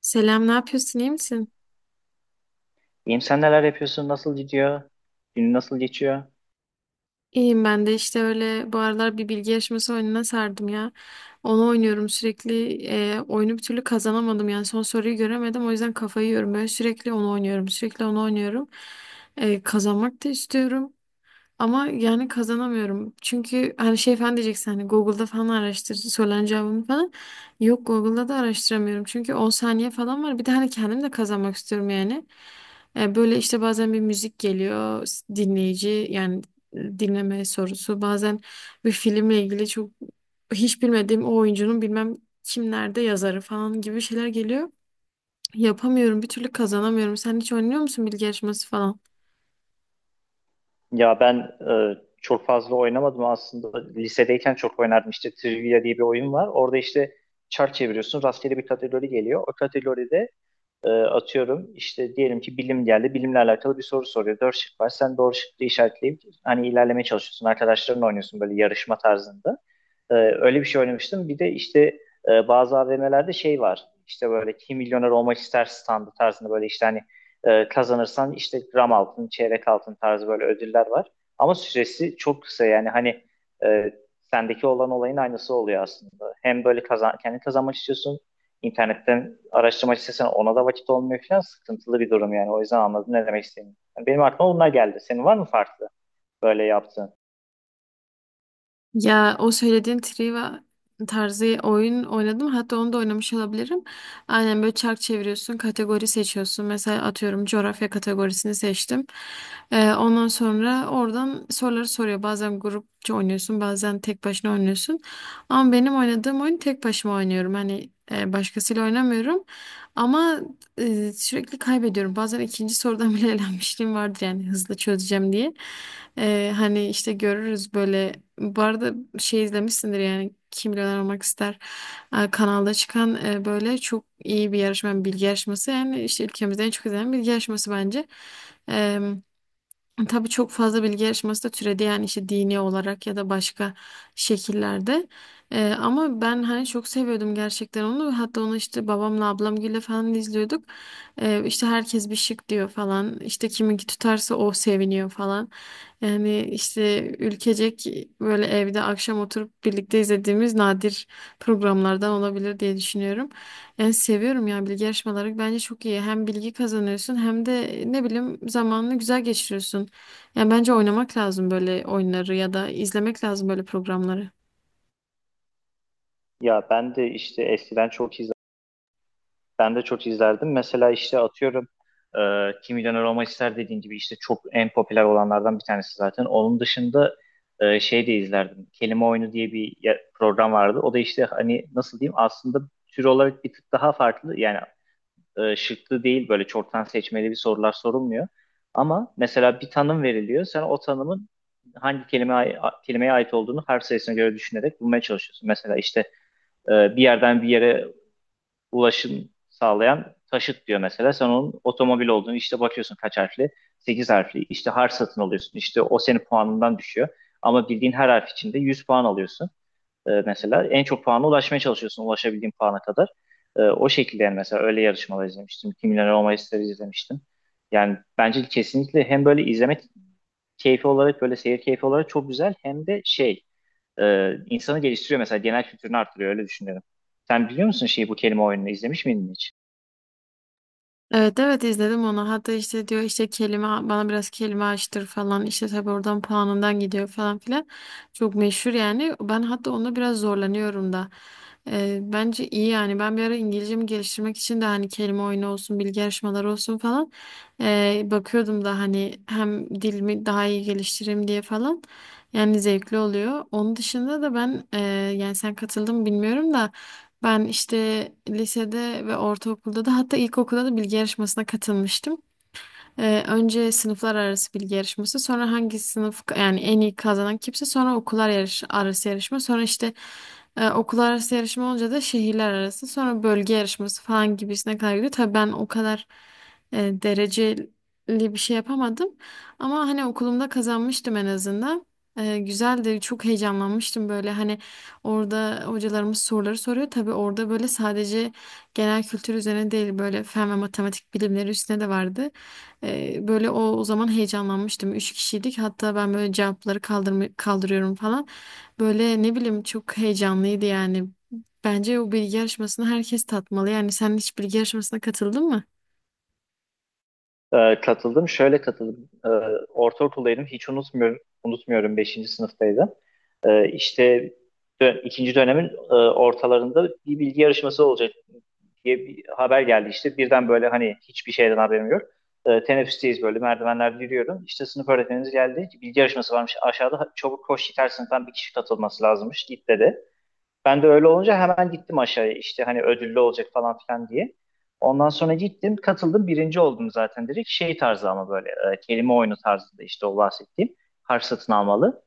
Selam, ne yapıyorsun? İyi misin? İyiyim, sen neler yapıyorsun? Nasıl gidiyor? Günün nasıl geçiyor? İyiyim ben de işte öyle bu aralar bir bilgi yarışması oyununa sardım ya. Onu oynuyorum sürekli. Oyunu bir türlü kazanamadım yani son soruyu göremedim o yüzden kafayı yiyorum. Böyle sürekli onu oynuyorum, sürekli onu oynuyorum. Kazanmak da istiyorum. Ama yani kazanamıyorum. Çünkü hani şey falan diyeceksin hani Google'da falan araştır söylen cevabımı falan. Yok, Google'da da araştıramıyorum. Çünkü 10 saniye falan var. Bir de hani kendim de kazanmak istiyorum yani. Böyle işte bazen bir müzik geliyor dinleyici yani dinleme sorusu. Bazen bir filmle ilgili çok hiç bilmediğim o oyuncunun bilmem kimlerde yazarı falan gibi şeyler geliyor. Yapamıyorum, bir türlü kazanamıyorum. Sen hiç oynuyor musun bilgi yarışması falan? Ya ben çok fazla oynamadım aslında. Lisedeyken çok oynardım. İşte Trivia diye bir oyun var. Orada işte çark çeviriyorsun. Rastgele bir kategori geliyor. O kategoride atıyorum işte diyelim ki bilim geldi. Bilimle alakalı bir soru soruyor. Dört şık var. Sen doğru şıkkı işaretleyip hani ilerlemeye çalışıyorsun. Arkadaşlarınla oynuyorsun böyle yarışma tarzında. Öyle bir şey oynamıştım. Bir de işte bazı AVM'lerde şey var. İşte böyle kim milyoner olmak ister standı tarzında böyle işte hani kazanırsan işte gram altın, çeyrek altın tarzı böyle ödüller var. Ama süresi çok kısa, yani hani e, sendeki olan olayın aynısı oluyor aslında. Hem böyle kazan, kendi kazanmak istiyorsun, internetten araştırma sitesine ona da vakit olmuyor falan, sıkıntılı bir durum yani. O yüzden anladım ne demek istediğini. Yani benim aklıma bunlar geldi. Senin var mı farklı böyle yaptığın? Ya o söylediğin Triva tarzı oyun oynadım. Hatta onu da oynamış olabilirim. Aynen böyle çark çeviriyorsun, kategori seçiyorsun. Mesela atıyorum coğrafya kategorisini seçtim. Ondan sonra oradan soruları soruyor. Bazen grupça oynuyorsun, bazen tek başına oynuyorsun. Ama benim oynadığım oyun tek başıma oynuyorum. Hani başkasıyla oynamıyorum. Ama sürekli kaybediyorum. Bazen ikinci sorudan bile elenmişliğim vardır yani hızlı çözeceğim diye. Hani işte görürüz böyle. Bu arada şey izlemişsindir yani Kim Milyoner Olmak ister, kanalda çıkan, böyle çok iyi bir yarışma, yani bilgi yarışması. Yani işte ülkemizde en çok izlenen bilgi yarışması bence. Tabii çok fazla bilgi yarışması da türedi yani işte dini olarak ya da başka şekillerde. Ama ben hani çok seviyordum gerçekten onu. Hatta onu işte babamla ablamgille falan izliyorduk. İşte herkes bir şık diyor falan. İşte kiminki tutarsa o seviniyor falan. Yani işte ülkecek böyle evde akşam oturup birlikte izlediğimiz nadir programlardan olabilir diye düşünüyorum. Yani seviyorum ya, bilgi yarışmaları bence çok iyi. Hem bilgi kazanıyorsun hem de ne bileyim zamanını güzel geçiriyorsun. Yani bence oynamak lazım böyle oyunları ya da izlemek lazım böyle programları. Ya ben de işte eskiden çok izlerdim. Ben de çok izlerdim. Mesela işte atıyorum Kim Milyoner Olmak İster dediğin gibi işte çok en popüler olanlardan bir tanesi zaten. Onun dışında şey de izlerdim. Kelime Oyunu diye bir program vardı. O da işte hani nasıl diyeyim, aslında tür olarak bir tık daha farklı. Yani şıklı değil, böyle çoktan seçmeli bir sorular sorulmuyor. Ama mesela bir tanım veriliyor. Sen o tanımın hangi kelimeye ait olduğunu harf sayısına göre düşünerek bulmaya çalışıyorsun. Mesela işte e, bir yerden bir yere ulaşım sağlayan taşıt diyor mesela. Sen onun otomobil olduğunu işte bakıyorsun, kaç harfli? 8 harfli. İşte harf satın alıyorsun. İşte o senin puanından düşüyor. Ama bildiğin her harf içinde 100 puan alıyorsun, mesela en çok puana ulaşmaya çalışıyorsun, ulaşabildiğin puana kadar. O şekilde yani, mesela öyle yarışmalar izlemiştim. Kim Milyoner Olma İster'i izlemiştim. Yani bence kesinlikle hem böyle izleme keyfi olarak, böyle seyir keyfi olarak çok güzel, hem de şey insanı geliştiriyor, mesela genel kültürünü arttırıyor, öyle düşünüyorum. Sen biliyor musun şeyi, bu kelime oyununu izlemiş miydin hiç? Evet, evet izledim onu. Hatta işte diyor işte kelime bana biraz kelime açtır falan. İşte tabii oradan puanından gidiyor falan filan. Çok meşhur yani. Ben hatta onda biraz zorlanıyorum da. Bence iyi yani. Ben bir ara İngilizcemi geliştirmek için de hani kelime oyunu olsun, bilgi yarışmaları olsun falan. Bakıyordum da hani hem dilimi daha iyi geliştireyim diye falan. Yani zevkli oluyor. Onun dışında da ben yani sen katıldın mı bilmiyorum da. Ben işte lisede ve ortaokulda da hatta ilkokulda da bilgi yarışmasına katılmıştım. Önce sınıflar arası bilgi yarışması, sonra hangi sınıf yani en iyi kazanan kimse, sonra okullar yarış, arası yarışma, sonra işte okullar arası yarışma olunca da şehirler arası, sonra bölge yarışması falan gibisine kadar gidiyor. Tabii ben o kadar dereceli bir şey yapamadım ama hani okulumda kazanmıştım en azından. Güzeldi, çok heyecanlanmıştım böyle hani orada hocalarımız soruları soruyor. Tabii orada böyle sadece genel kültür üzerine değil, böyle fen ve matematik bilimleri üstüne de vardı. Böyle o zaman heyecanlanmıştım. Üç kişiydik. Hatta ben böyle cevapları kaldırıyorum falan. Böyle ne bileyim çok heyecanlıydı yani. Bence o bilgi yarışmasını herkes tatmalı. Yani sen hiç bilgi yarışmasına katıldın mı? Katıldım. Şöyle katıldım. Ortaokuldaydım. Hiç unutmuyorum. Unutmuyorum. Beşinci sınıftaydım. İşte ikinci dönemin ortalarında bir bilgi yarışması olacak diye bir haber geldi işte. Birden böyle hani hiçbir şeyden haberim yok. Teneffüsteyiz, böyle merdivenlerde yürüyorum. İşte sınıf öğretmenimiz geldi. Bilgi yarışması varmış aşağıda. Çabuk koş yeter, sınıftan bir kişi katılması lazımmış. Git dedi. Ben de öyle olunca hemen gittim aşağıya işte hani ödüllü olacak falan filan diye. Ondan sonra gittim, katıldım, birinci oldum zaten direkt şey tarzı ama böyle kelime oyunu tarzında, işte o bahsettiğim harf satın almalı.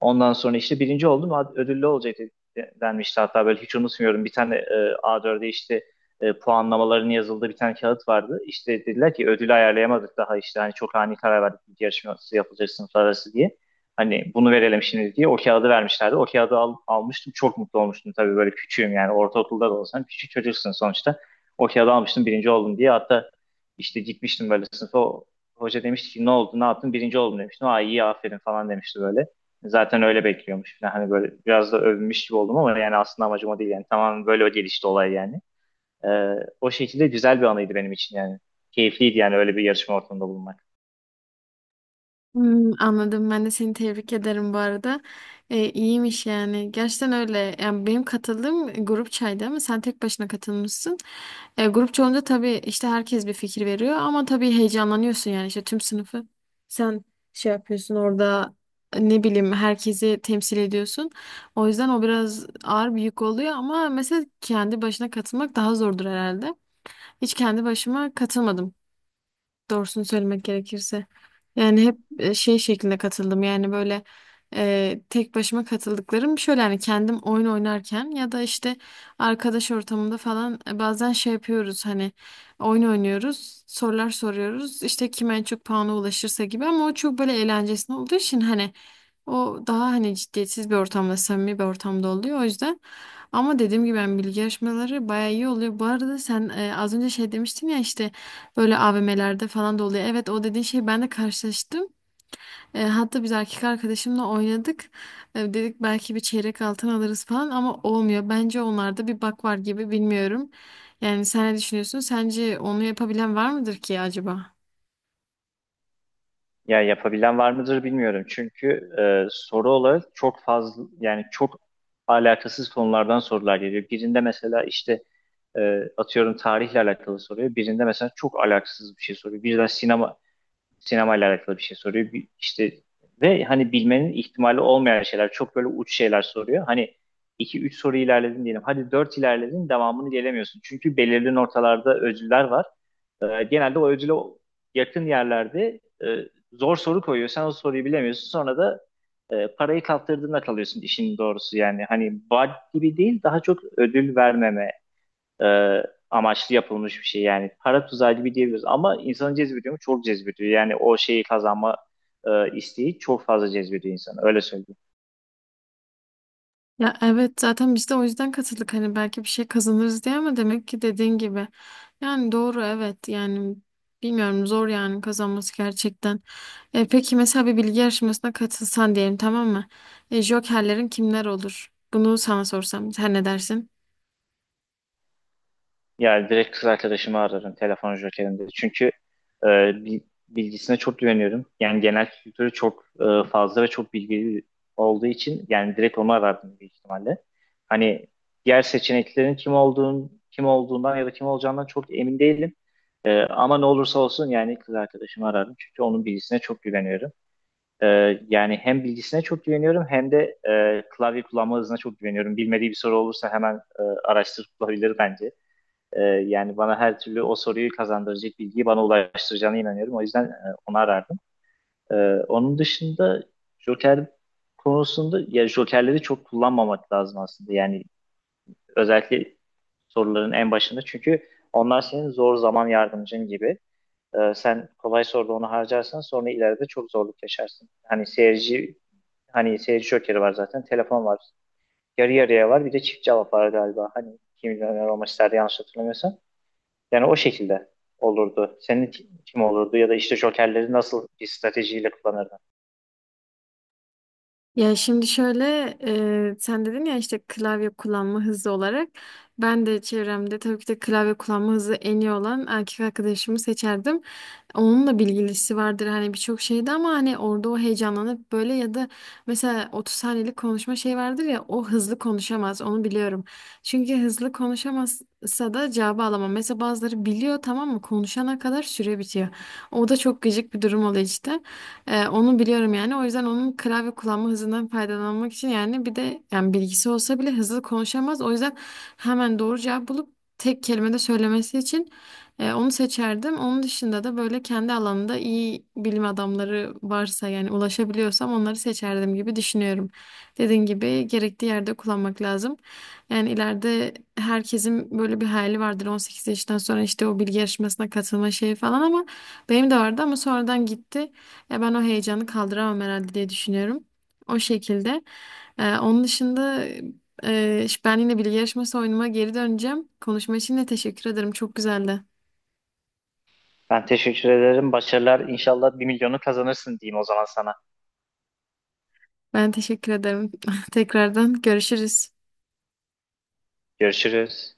Ondan sonra işte birinci oldum, ödüllü olacak denmişti hatta, böyle hiç unutmuyorum, bir tane A4'e işte puanlamaların yazıldığı bir tane kağıt vardı. İşte dediler ki ödülü ayarlayamadık daha, işte hani çok ani karar verdik bir yarışması yapılacak sınıflar arası diye. Hani bunu verelim şimdi diye o kağıdı vermişlerdi. O kağıdı almıştım, çok mutlu olmuştum tabii, böyle küçüğüm yani, ortaokulda da olsam küçük çocuksun sonuçta. O kağıdı almıştım birinci oldum diye, hatta işte gitmiştim böyle sınıfa, hoca demişti ki ne oldu ne yaptın, birinci oldum demiştim. Aa iyi aferin falan demişti böyle. Zaten öyle bekliyormuş falan. Hani böyle biraz da övünmüş gibi oldum ama yani aslında amacım o değil yani. Tamam, böyle o gelişti olay yani. Ee, O şekilde güzel bir anıydı benim için yani. Keyifliydi yani öyle bir yarışma ortamında bulunmak. Hmm, anladım. Ben de seni tebrik ederim bu arada. İyiymiş yani. Gerçekten öyle. Yani benim katıldığım grup çaydı ama sen tek başına katılmışsın. Grup çoğunca tabii işte herkes bir fikir veriyor ama tabii heyecanlanıyorsun yani işte tüm sınıfı. Sen şey yapıyorsun orada, ne bileyim, herkesi temsil ediyorsun. O yüzden o biraz ağır bir yük oluyor ama mesela kendi başına katılmak daha zordur herhalde. Hiç kendi başıma katılmadım, doğrusunu söylemek gerekirse. Yani hep şey şeklinde katıldım. Yani böyle tek başıma katıldıklarım şöyle hani kendim oyun oynarken ya da işte arkadaş ortamında falan, bazen şey yapıyoruz hani oyun oynuyoruz, sorular soruyoruz, işte kim en çok puana ulaşırsa gibi ama o çok böyle eğlencesine olduğu için hani o daha hani ciddiyetsiz bir ortamda, samimi bir ortamda oluyor o yüzden. Ama dediğim gibi ben bilgi yarışmaları bayağı iyi oluyor. Bu arada sen az önce şey demiştin ya işte böyle AVM'lerde falan da oluyor. Evet, o dediğin şeyi ben de karşılaştım. E, hatta biz erkek arkadaşımla oynadık. E, dedik belki bir çeyrek altın alırız falan ama olmuyor. Bence onlarda bir bak var gibi, bilmiyorum. Yani sen ne düşünüyorsun? Sence onu yapabilen var mıdır ki acaba? Ya yapabilen var mıdır bilmiyorum. Çünkü soru olarak çok fazla yani, çok alakasız konulardan sorular geliyor. Birinde mesela işte atıyorum tarihle alakalı soruyor. Birinde mesela çok alakasız bir şey soruyor. Birden sinemayla alakalı bir şey soruyor. İşte ve hani bilmenin ihtimali olmayan şeyler, çok böyle uç şeyler soruyor. Hani iki üç soru ilerledin diyelim. Hadi 4 ilerledin, devamını gelemiyorsun. Çünkü belirli noktalarda ödüller var. Genelde o ödüle yakın yerlerde zor soru koyuyor. Sen o soruyu bilemiyorsun. Sonra da parayı kaptırdığında kalıyorsun işin doğrusu. Yani hani vaat gibi değil, daha çok ödül vermeme e, amaçlı yapılmış bir şey. Yani para tuzağı gibi diyebiliriz. Ama insanı cezbediyor mu? Çok cezbediyor. Yani o şeyi kazanma isteği çok fazla cezbediyor insanı. Öyle söyleyeyim. Ya evet, zaten biz de o yüzden katıldık hani belki bir şey kazanırız diye ama demek ki dediğin gibi. Yani doğru, evet, yani bilmiyorum, zor yani kazanması gerçekten. E, peki mesela bir bilgi yarışmasına katılsan diyelim, tamam mı? E, jokerlerin kimler olur? Bunu sana sorsam sen ne dersin? Yani direkt kız arkadaşımı ararım telefon jokerinde. Çünkü e, bi- bilgisine çok güveniyorum. Yani genel kültürü çok fazla ve çok bilgili olduğu için yani direkt onu arardım büyük ihtimalle. Hani diğer seçeneklerin kim olduğunu, kim olduğundan ya da kim olacağından çok emin değilim. Ama ne olursa olsun yani kız arkadaşımı ararım. Çünkü onun bilgisine çok güveniyorum. E, Yani hem bilgisine çok güveniyorum, hem de klavye kullanma hızına çok güveniyorum. Bilmediği bir soru olursa hemen araştırıp bulabilir bence. Yani bana her türlü o soruyu kazandıracak bilgiyi bana ulaştıracağına inanıyorum. O yüzden onu arardım. Ee, Onun dışında Joker konusunda, ya Jokerleri çok kullanmamak lazım aslında. Yani özellikle soruların en başında, çünkü onlar senin zor zaman yardımcın gibi. Sen kolay soruda onu harcarsan sonra ileride çok zorluk yaşarsın. Hani seyirci Joker'i var zaten, telefon var. Yarı yarıya var. Bir de çift cevap var galiba. Hani kim milyoner olmak isterdi yanlış hatırlamıyorsam. Yani o şekilde olurdu. Senin kim olurdu ya da işte jokerleri nasıl bir stratejiyle kullanırdın? Ya şimdi şöyle, sen dedin ya işte klavye kullanma hızı olarak ben de çevremde tabii ki de klavye kullanma hızı en iyi olan erkek arkadaşımı seçerdim. Onunla bilgilisi vardır hani birçok şeyde ama hani orada o heyecanlanıp böyle ya da mesela 30 saniyelik konuşma şey vardır ya, o hızlı konuşamaz, onu biliyorum. Çünkü hızlı konuşamazsa da cevabı alamam. Mesela bazıları biliyor tamam mı, konuşana kadar süre bitiyor. O da çok gıcık bir durum oluyor işte. Onu biliyorum yani. O yüzden onun klavye kullanma hızından faydalanmak için yani bir de yani bilgisi olsa bile hızlı konuşamaz. O yüzden hemen doğru cevap bulup tek kelimede söylemesi için onu seçerdim. Onun dışında da böyle kendi alanında iyi bilim adamları varsa yani ulaşabiliyorsam onları seçerdim gibi düşünüyorum. Dediğin gibi gerektiği yerde kullanmak lazım. Yani ileride herkesin böyle bir hayali vardır, 18 yaşından sonra işte o bilgi yarışmasına katılma şeyi falan ama benim de vardı ama sonradan gitti. Ya ben o heyecanı kaldıramam herhalde diye düşünüyorum. O şekilde. Onun dışında, işte ben yine bilgi yarışması oyunuma geri döneceğim. Konuşma için de teşekkür ederim. Çok güzeldi. Ben teşekkür ederim. Başarılar. İnşallah bir milyonu kazanırsın diyeyim o zaman sana. Ben teşekkür ederim. Tekrardan görüşürüz. Görüşürüz.